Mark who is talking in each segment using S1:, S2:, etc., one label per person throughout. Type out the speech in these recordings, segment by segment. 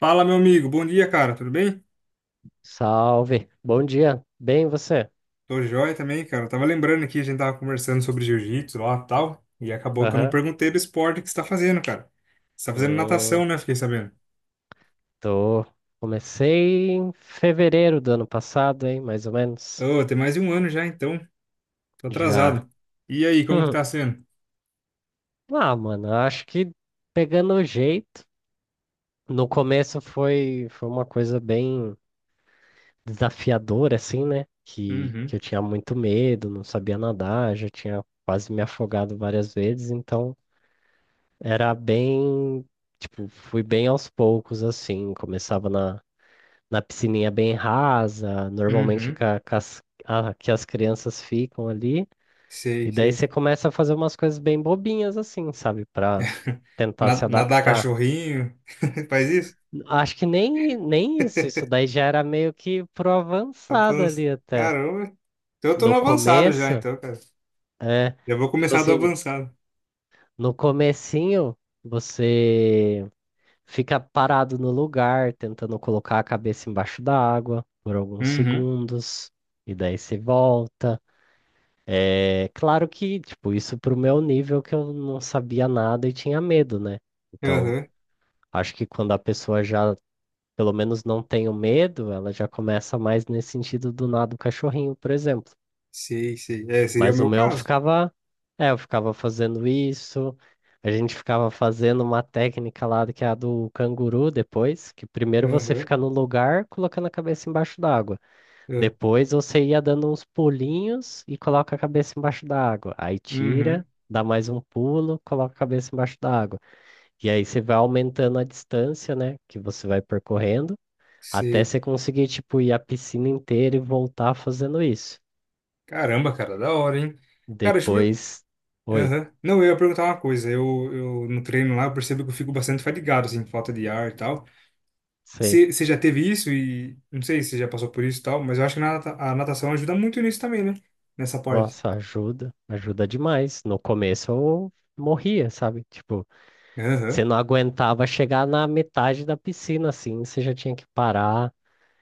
S1: Fala, meu amigo. Bom dia, cara. Tudo bem?
S2: Salve, bom dia. Bem, você?
S1: Tô joia também, cara. Eu tava lembrando aqui, a gente tava conversando sobre jiu-jitsu lá e tal, e acabou que eu não
S2: Aham.
S1: perguntei do esporte que você tá fazendo, cara. Você tá fazendo natação,
S2: Hum,
S1: né? Fiquei sabendo.
S2: Tô. Comecei em fevereiro do ano passado, hein? Mais ou menos.
S1: Ô, tem mais de um ano já, então. Tô
S2: Já.
S1: atrasado. E aí, como que
S2: Hum.
S1: tá sendo?
S2: Ah, mano, eu acho que pegando o jeito. No começo foi uma coisa bem desafiadora, assim, né? Que,
S1: Uhum,
S2: que eu tinha muito medo, não sabia nadar, já tinha quase me afogado várias vezes, então era bem. Tipo, fui bem aos poucos, assim. Começava na piscininha bem rasa, normalmente
S1: uhum.
S2: que, a- que as crianças ficam ali.
S1: Sei,
S2: E daí
S1: sei.
S2: você começa a fazer umas coisas bem bobinhas assim, sabe? Pra tentar se
S1: Nadar
S2: adaptar.
S1: cachorrinho. Faz isso?
S2: Acho que nem isso daí já era meio que pro avançado
S1: Avança.
S2: ali até.
S1: Caramba. Então eu tô no
S2: No
S1: avançado já,
S2: começo,
S1: então, cara.
S2: é,
S1: Já vou
S2: tipo
S1: começar do
S2: assim,
S1: avançado.
S2: no comecinho você fica parado no lugar, tentando colocar a cabeça embaixo da água por alguns
S1: Uhum.
S2: segundos, e daí você volta. É claro que, tipo, isso pro meu nível que eu não sabia nada e tinha medo, né? Então,
S1: Aham.
S2: acho que quando a pessoa já, pelo menos, não tem o medo, ela já começa mais nesse sentido do nada do cachorrinho, por exemplo.
S1: Sei, sei. É, seria o
S2: Mas o
S1: meu
S2: meu
S1: caso.
S2: ficava, eu ficava fazendo isso, a gente ficava fazendo uma técnica lá que é a do canguru depois, que primeiro você
S1: Aham,
S2: fica no lugar colocando a cabeça embaixo d'água.
S1: é,
S2: Depois você ia dando uns pulinhos e coloca a cabeça embaixo da água. Aí
S1: uhum,
S2: tira, dá mais um pulo, coloca a cabeça embaixo da água. E aí você vai aumentando a distância, né, que você vai percorrendo, até
S1: sei.
S2: você conseguir, tipo, ir a piscina inteira e voltar fazendo isso.
S1: Caramba, cara, da hora, hein? Cara, deixa eu... per-
S2: Depois, oi,
S1: Aham. Não, eu ia perguntar uma coisa. Eu no treino lá, eu percebo que eu fico bastante fadigado, assim, falta de ar e tal.
S2: sei.
S1: Você já teve isso e... Não sei se você já passou por isso e tal, mas eu acho que a natação ajuda muito nisso também, né? Nessa parte.
S2: Nossa, ajuda, ajuda demais. No começo eu morria, sabe? Tipo, você
S1: Aham,
S2: não aguentava chegar na metade da piscina, assim, você já tinha que parar.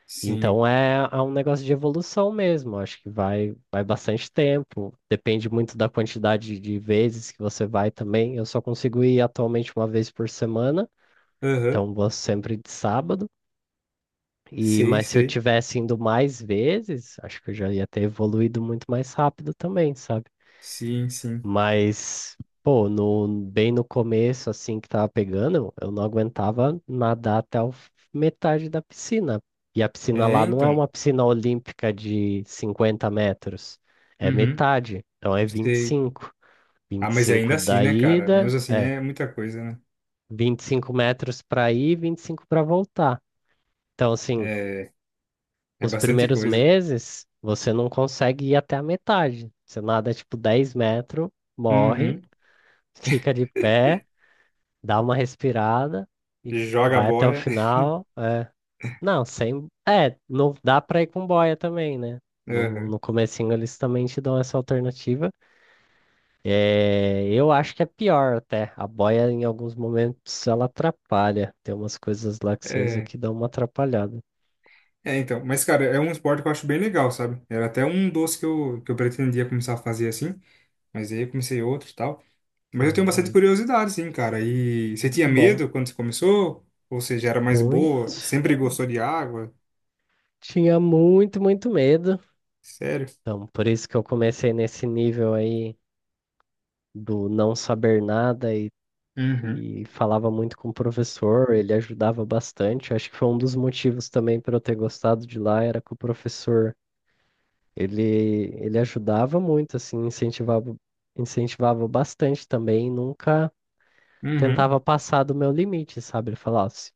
S1: sim.
S2: Então é, é um negócio de evolução mesmo. Acho que vai bastante tempo. Depende muito da quantidade de vezes que você vai também. Eu só consigo ir atualmente uma vez por semana,
S1: Aham,
S2: então vou sempre de sábado. E
S1: sei,
S2: mas se eu
S1: sei.
S2: tivesse indo mais vezes, acho que eu já ia ter evoluído muito mais rápido também, sabe?
S1: Sim, sim.
S2: Mas, pô, no, bem no começo, assim, que tava pegando, eu não aguentava nadar até o metade da piscina. E a piscina
S1: É,
S2: lá não é
S1: então.
S2: uma piscina olímpica de 50 metros, é
S1: Uhum,
S2: metade, então é vinte e
S1: sei.
S2: cinco vinte
S1: Ah,
S2: e
S1: mas ainda
S2: cinco
S1: assim,
S2: da
S1: né, cara?
S2: ida,
S1: Mesmo assim é muita coisa, né?
S2: 25 metros para ir, 25 para voltar. Então, assim,
S1: É, é
S2: os
S1: bastante
S2: primeiros
S1: coisa.
S2: meses, você não consegue ir até a metade. Você nada, tipo, 10 metros, morre,
S1: Uhum.
S2: fica de pé, dá uma respirada e
S1: Joga a
S2: vai até o
S1: boia.
S2: final. É. Não, sem. É, não dá pra ir com boia também, né? No,
S1: Aham.
S2: no comecinho eles também te dão essa alternativa. É, eu acho que é pior até. A boia, em alguns momentos, ela atrapalha. Tem umas coisas lá que você usa
S1: É.
S2: que dão uma atrapalhada.
S1: É, então. Mas, cara, é um esporte que eu acho bem legal, sabe? Era até um doce que eu pretendia começar a fazer assim, mas aí eu comecei outro e tal. Mas eu tenho bastante
S2: Não,
S1: curiosidade, sim, cara. E você tinha
S2: muito bom.
S1: medo quando você começou? Ou seja, era mais boa?
S2: Muito.
S1: Sempre gostou de água?
S2: Tinha muito, muito medo.
S1: Sério?
S2: Então, por isso que eu comecei nesse nível aí do não saber nada e
S1: Uhum.
S2: falava muito com o professor, ele ajudava bastante. Acho que foi um dos motivos também para eu ter gostado de lá, era que o professor, ele, ele ajudava muito, assim, incentivava, incentivava bastante também, nunca
S1: Uhum.
S2: tentava passar do meu limite, sabe? Ele falava assim,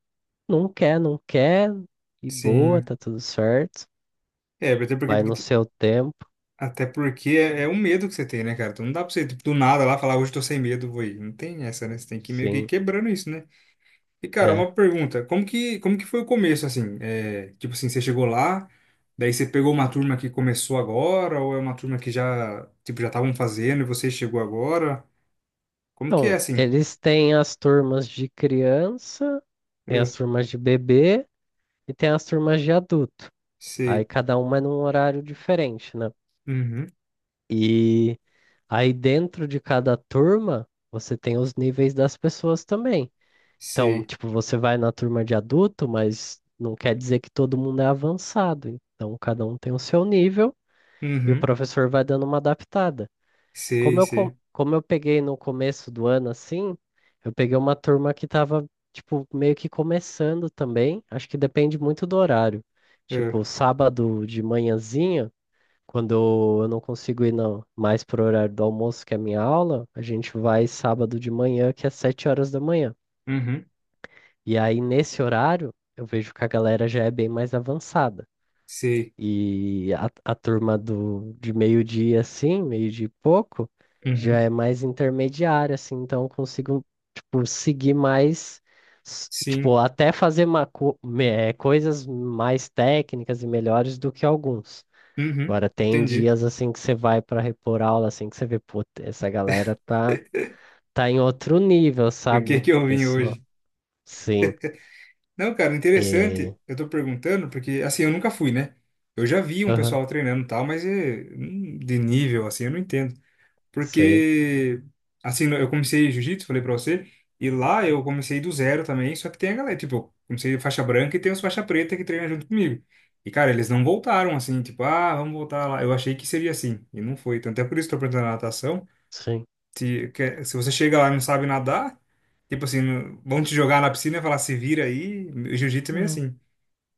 S2: não quer, não quer, e boa,
S1: Sim.
S2: tá tudo certo,
S1: É,
S2: vai no seu tempo,
S1: até porque é, é um medo que você tem, né, cara? Então não dá pra você, tipo, do nada lá falar, hoje eu tô sem medo, vou ir. Não tem essa, né? Você tem que ir meio que ir
S2: sim,
S1: quebrando isso, né? E, cara,
S2: é.
S1: uma pergunta. Como que foi o começo, assim? É, tipo assim, você chegou lá, daí você pegou uma turma que começou agora, ou é uma turma que já, tipo, já estavam fazendo e você chegou agora? Como que é,
S2: Então,
S1: assim?
S2: eles têm as turmas de criança, tem as
S1: Ah,
S2: turmas de bebê e tem as turmas de adulto. Aí
S1: sei.
S2: cada uma é num horário diferente, né?
S1: Uhum.
S2: E aí dentro de cada turma, você tem os níveis das pessoas também. Então,
S1: Sei.
S2: tipo, você vai na turma de adulto, mas não quer dizer que todo mundo é avançado. Então, cada um tem o seu nível e o
S1: Uhum.
S2: professor vai dando uma adaptada. Como
S1: Sei,
S2: eu,
S1: sei.
S2: como eu peguei no começo do ano assim, eu peguei uma turma que tava, tipo, meio que começando também. Acho que depende muito do horário.
S1: Ah,
S2: Tipo, sábado de manhãzinha. Quando eu não consigo ir, não, mais pro horário do almoço, que é a minha aula, a gente vai sábado de manhã, que é 7 horas da manhã.
S1: uhum.
S2: E aí, nesse horário, eu vejo que a galera já é bem mais avançada.
S1: Sei.
S2: E a turma de meio-dia, assim, meio-dia e pouco,
S1: Uhum.
S2: já é mais intermediária, assim, então eu consigo, tipo, seguir mais, tipo,
S1: Sim.
S2: até fazer uma, co- me- eh, coisas mais técnicas e melhores do que alguns.
S1: Uhum.
S2: Agora tem
S1: Entendi.
S2: dias assim que você vai para repor aula, assim que você vê, pô, essa galera tá, tá em outro nível,
S1: Por que
S2: sabe?
S1: que eu vim
S2: Pessoa.
S1: hoje?
S2: Sim.
S1: Não, cara, interessante.
S2: E...
S1: Eu tô perguntando porque, assim, eu nunca fui, né? Eu já vi um
S2: Aham,
S1: pessoal treinando e tal, mas é, de nível, assim, eu não entendo.
S2: sei.
S1: Porque, assim, eu comecei jiu-jitsu, falei pra você, e lá eu comecei do zero também, só que tem a galera, tipo, eu comecei faixa branca e tem os faixa preta que treinam junto comigo. E, cara, eles não voltaram, assim, tipo, ah, vamos voltar lá. Eu achei que seria assim, e não foi. Então, até por isso que eu tô perguntando na natação.
S2: Sim.
S1: Se você chega lá e não sabe nadar, tipo assim, vão te jogar na piscina e falar, se vira aí. O jiu-jitsu é meio
S2: Não.
S1: assim.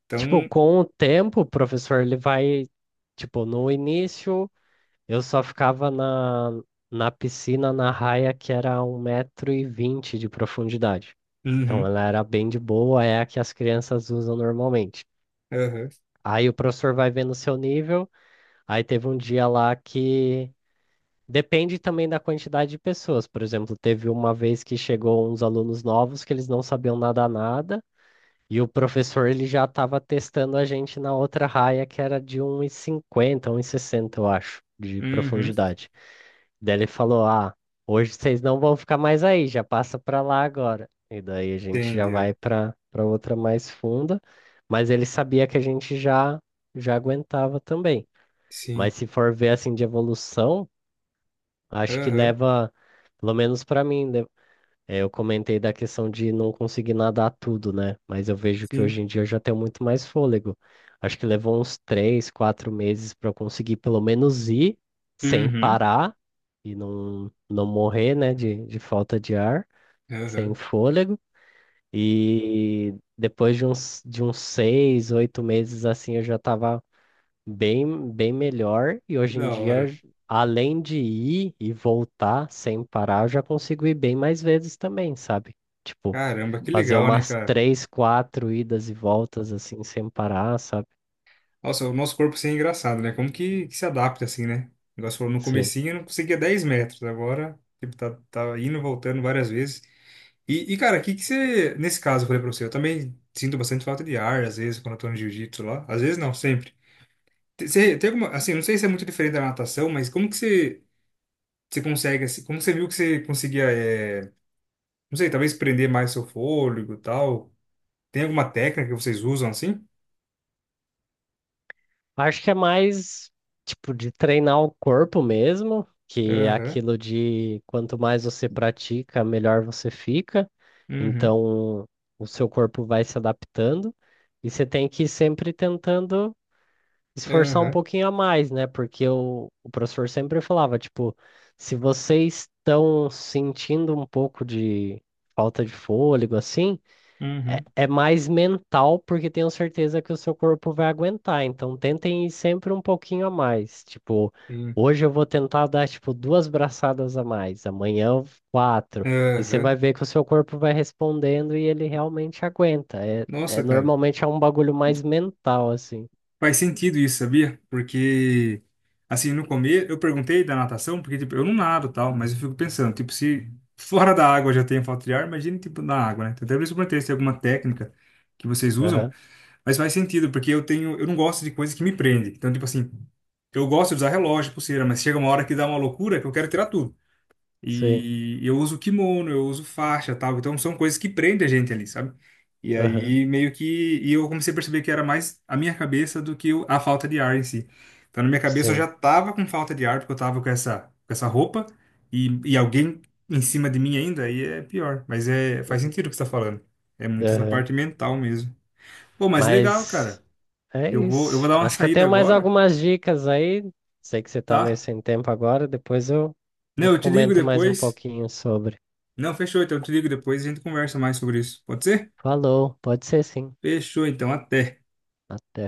S1: Então,
S2: Tipo, com o tempo, o professor, ele vai. Tipo, no início, eu só ficava na piscina, na raia, que era 1,20 m de profundidade. Então,
S1: uhum,
S2: ela era bem de boa, é a que as crianças usam normalmente.
S1: aham,
S2: Aí o professor vai vendo o seu nível. Aí teve um dia lá que depende também da quantidade de pessoas. Por exemplo, teve uma vez que chegou uns alunos novos que eles não sabiam nada nada, e o professor ele já estava testando a gente na outra raia que era de 1,50, 1,60 eu acho, de
S1: uhum,
S2: profundidade. Daí ele falou: "Ah, hoje vocês não vão ficar mais aí, já passa para lá agora". E daí a gente já
S1: entendeu?
S2: vai para outra mais funda, mas ele sabia que a gente já aguentava também.
S1: Sim,
S2: Mas se for ver assim de evolução, acho que
S1: aham,
S2: leva, pelo menos pra mim, eu comentei da questão de não conseguir nadar tudo, né? Mas eu vejo que
S1: sim,
S2: hoje em dia eu já tenho muito mais fôlego. Acho que levou uns 3, 4 meses pra eu conseguir pelo menos ir sem
S1: uhum,
S2: parar e não, não morrer, né, de falta de ar, sem
S1: aham.
S2: fôlego. E depois de uns 6, 8 meses assim, eu já estava bem, bem melhor. E
S1: Que
S2: hoje em
S1: da
S2: dia,
S1: hora.
S2: além de ir e voltar sem parar, eu já consigo ir bem mais vezes também, sabe? Tipo,
S1: Caramba, que
S2: fazer
S1: legal, né,
S2: umas
S1: cara?
S2: três, quatro idas e voltas assim, sem parar, sabe?
S1: Nossa, o nosso corpo assim é engraçado, né? Como que se adapta assim, né? O negócio falou, no
S2: Sim.
S1: comecinho eu não conseguia 10 metros, agora, tipo, tá, tá indo e voltando várias vezes. Cara, o que que você, nesse caso, eu falei pra você, eu também sinto bastante falta de ar, às vezes, quando eu tô no jiu-jitsu lá. Às vezes não, sempre. Você tem alguma, assim, não sei se é muito diferente da natação, mas como que você, você consegue, assim, como você viu que você conseguia, é, não sei, talvez prender mais seu fôlego e tal? Tem alguma técnica que vocês usam assim?
S2: Acho que é mais, tipo, de treinar o corpo mesmo, que é
S1: Aham,
S2: aquilo de quanto mais você pratica, melhor você fica.
S1: uhum,
S2: Então, o seu corpo vai se adaptando. E você tem que ir sempre tentando esforçar um
S1: aham,
S2: pouquinho a mais, né? Porque o professor sempre falava, tipo, se vocês estão sentindo um pouco de falta de fôlego, assim,
S1: aham, uhum,
S2: é mais mental, porque tenho certeza que o seu corpo vai aguentar. Então, tentem ir sempre um pouquinho a mais. Tipo,
S1: sim,
S2: hoje eu vou tentar dar, tipo, duas braçadas a mais, amanhã eu- quatro. E você
S1: aham.
S2: vai ver que o seu corpo vai respondendo e ele realmente aguenta. É, é
S1: Nossa, cara.
S2: normalmente é um bagulho mais mental, assim.
S1: Faz sentido isso, sabia? Porque, assim, no começo, eu perguntei da natação, porque, tipo, eu não nado e tal, mas eu fico pensando, tipo, se fora da água eu já tenho falta de ar, imagina, tipo, na água, né? Então, até por isso eu perguntei se tem alguma técnica que vocês usam,
S2: Aham,
S1: mas faz sentido, porque eu tenho, eu não gosto de coisa que me prende. Então, tipo assim, eu gosto de usar relógio, pulseira, mas chega uma hora que dá uma loucura que eu quero tirar tudo.
S2: sim.
S1: E eu uso kimono, eu uso faixa, tal. Então são coisas que prendem a gente ali, sabe? E
S2: Aham,
S1: aí meio que e eu comecei a perceber que era mais a minha cabeça do que a falta de ar em si. Então na minha cabeça eu já
S2: sim.
S1: tava com falta de ar porque eu tava com essa roupa e alguém em cima de mim ainda, aí é pior. Mas é faz sentido o que você tá falando. É muito essa
S2: Aham.
S1: parte mental mesmo. Pô, mas legal,
S2: Mas
S1: cara.
S2: é
S1: Eu vou
S2: isso.
S1: dar uma
S2: Acho que eu
S1: saída
S2: tenho mais
S1: agora,
S2: algumas dicas aí. Sei que você tá meio
S1: tá?
S2: sem tempo agora, depois eu
S1: Não, eu te ligo
S2: comento mais um
S1: depois.
S2: pouquinho sobre.
S1: Não, fechou, então eu te ligo depois e a gente conversa mais sobre isso. Pode ser?
S2: Falou, pode ser sim.
S1: Fechou, então, até.
S2: Até.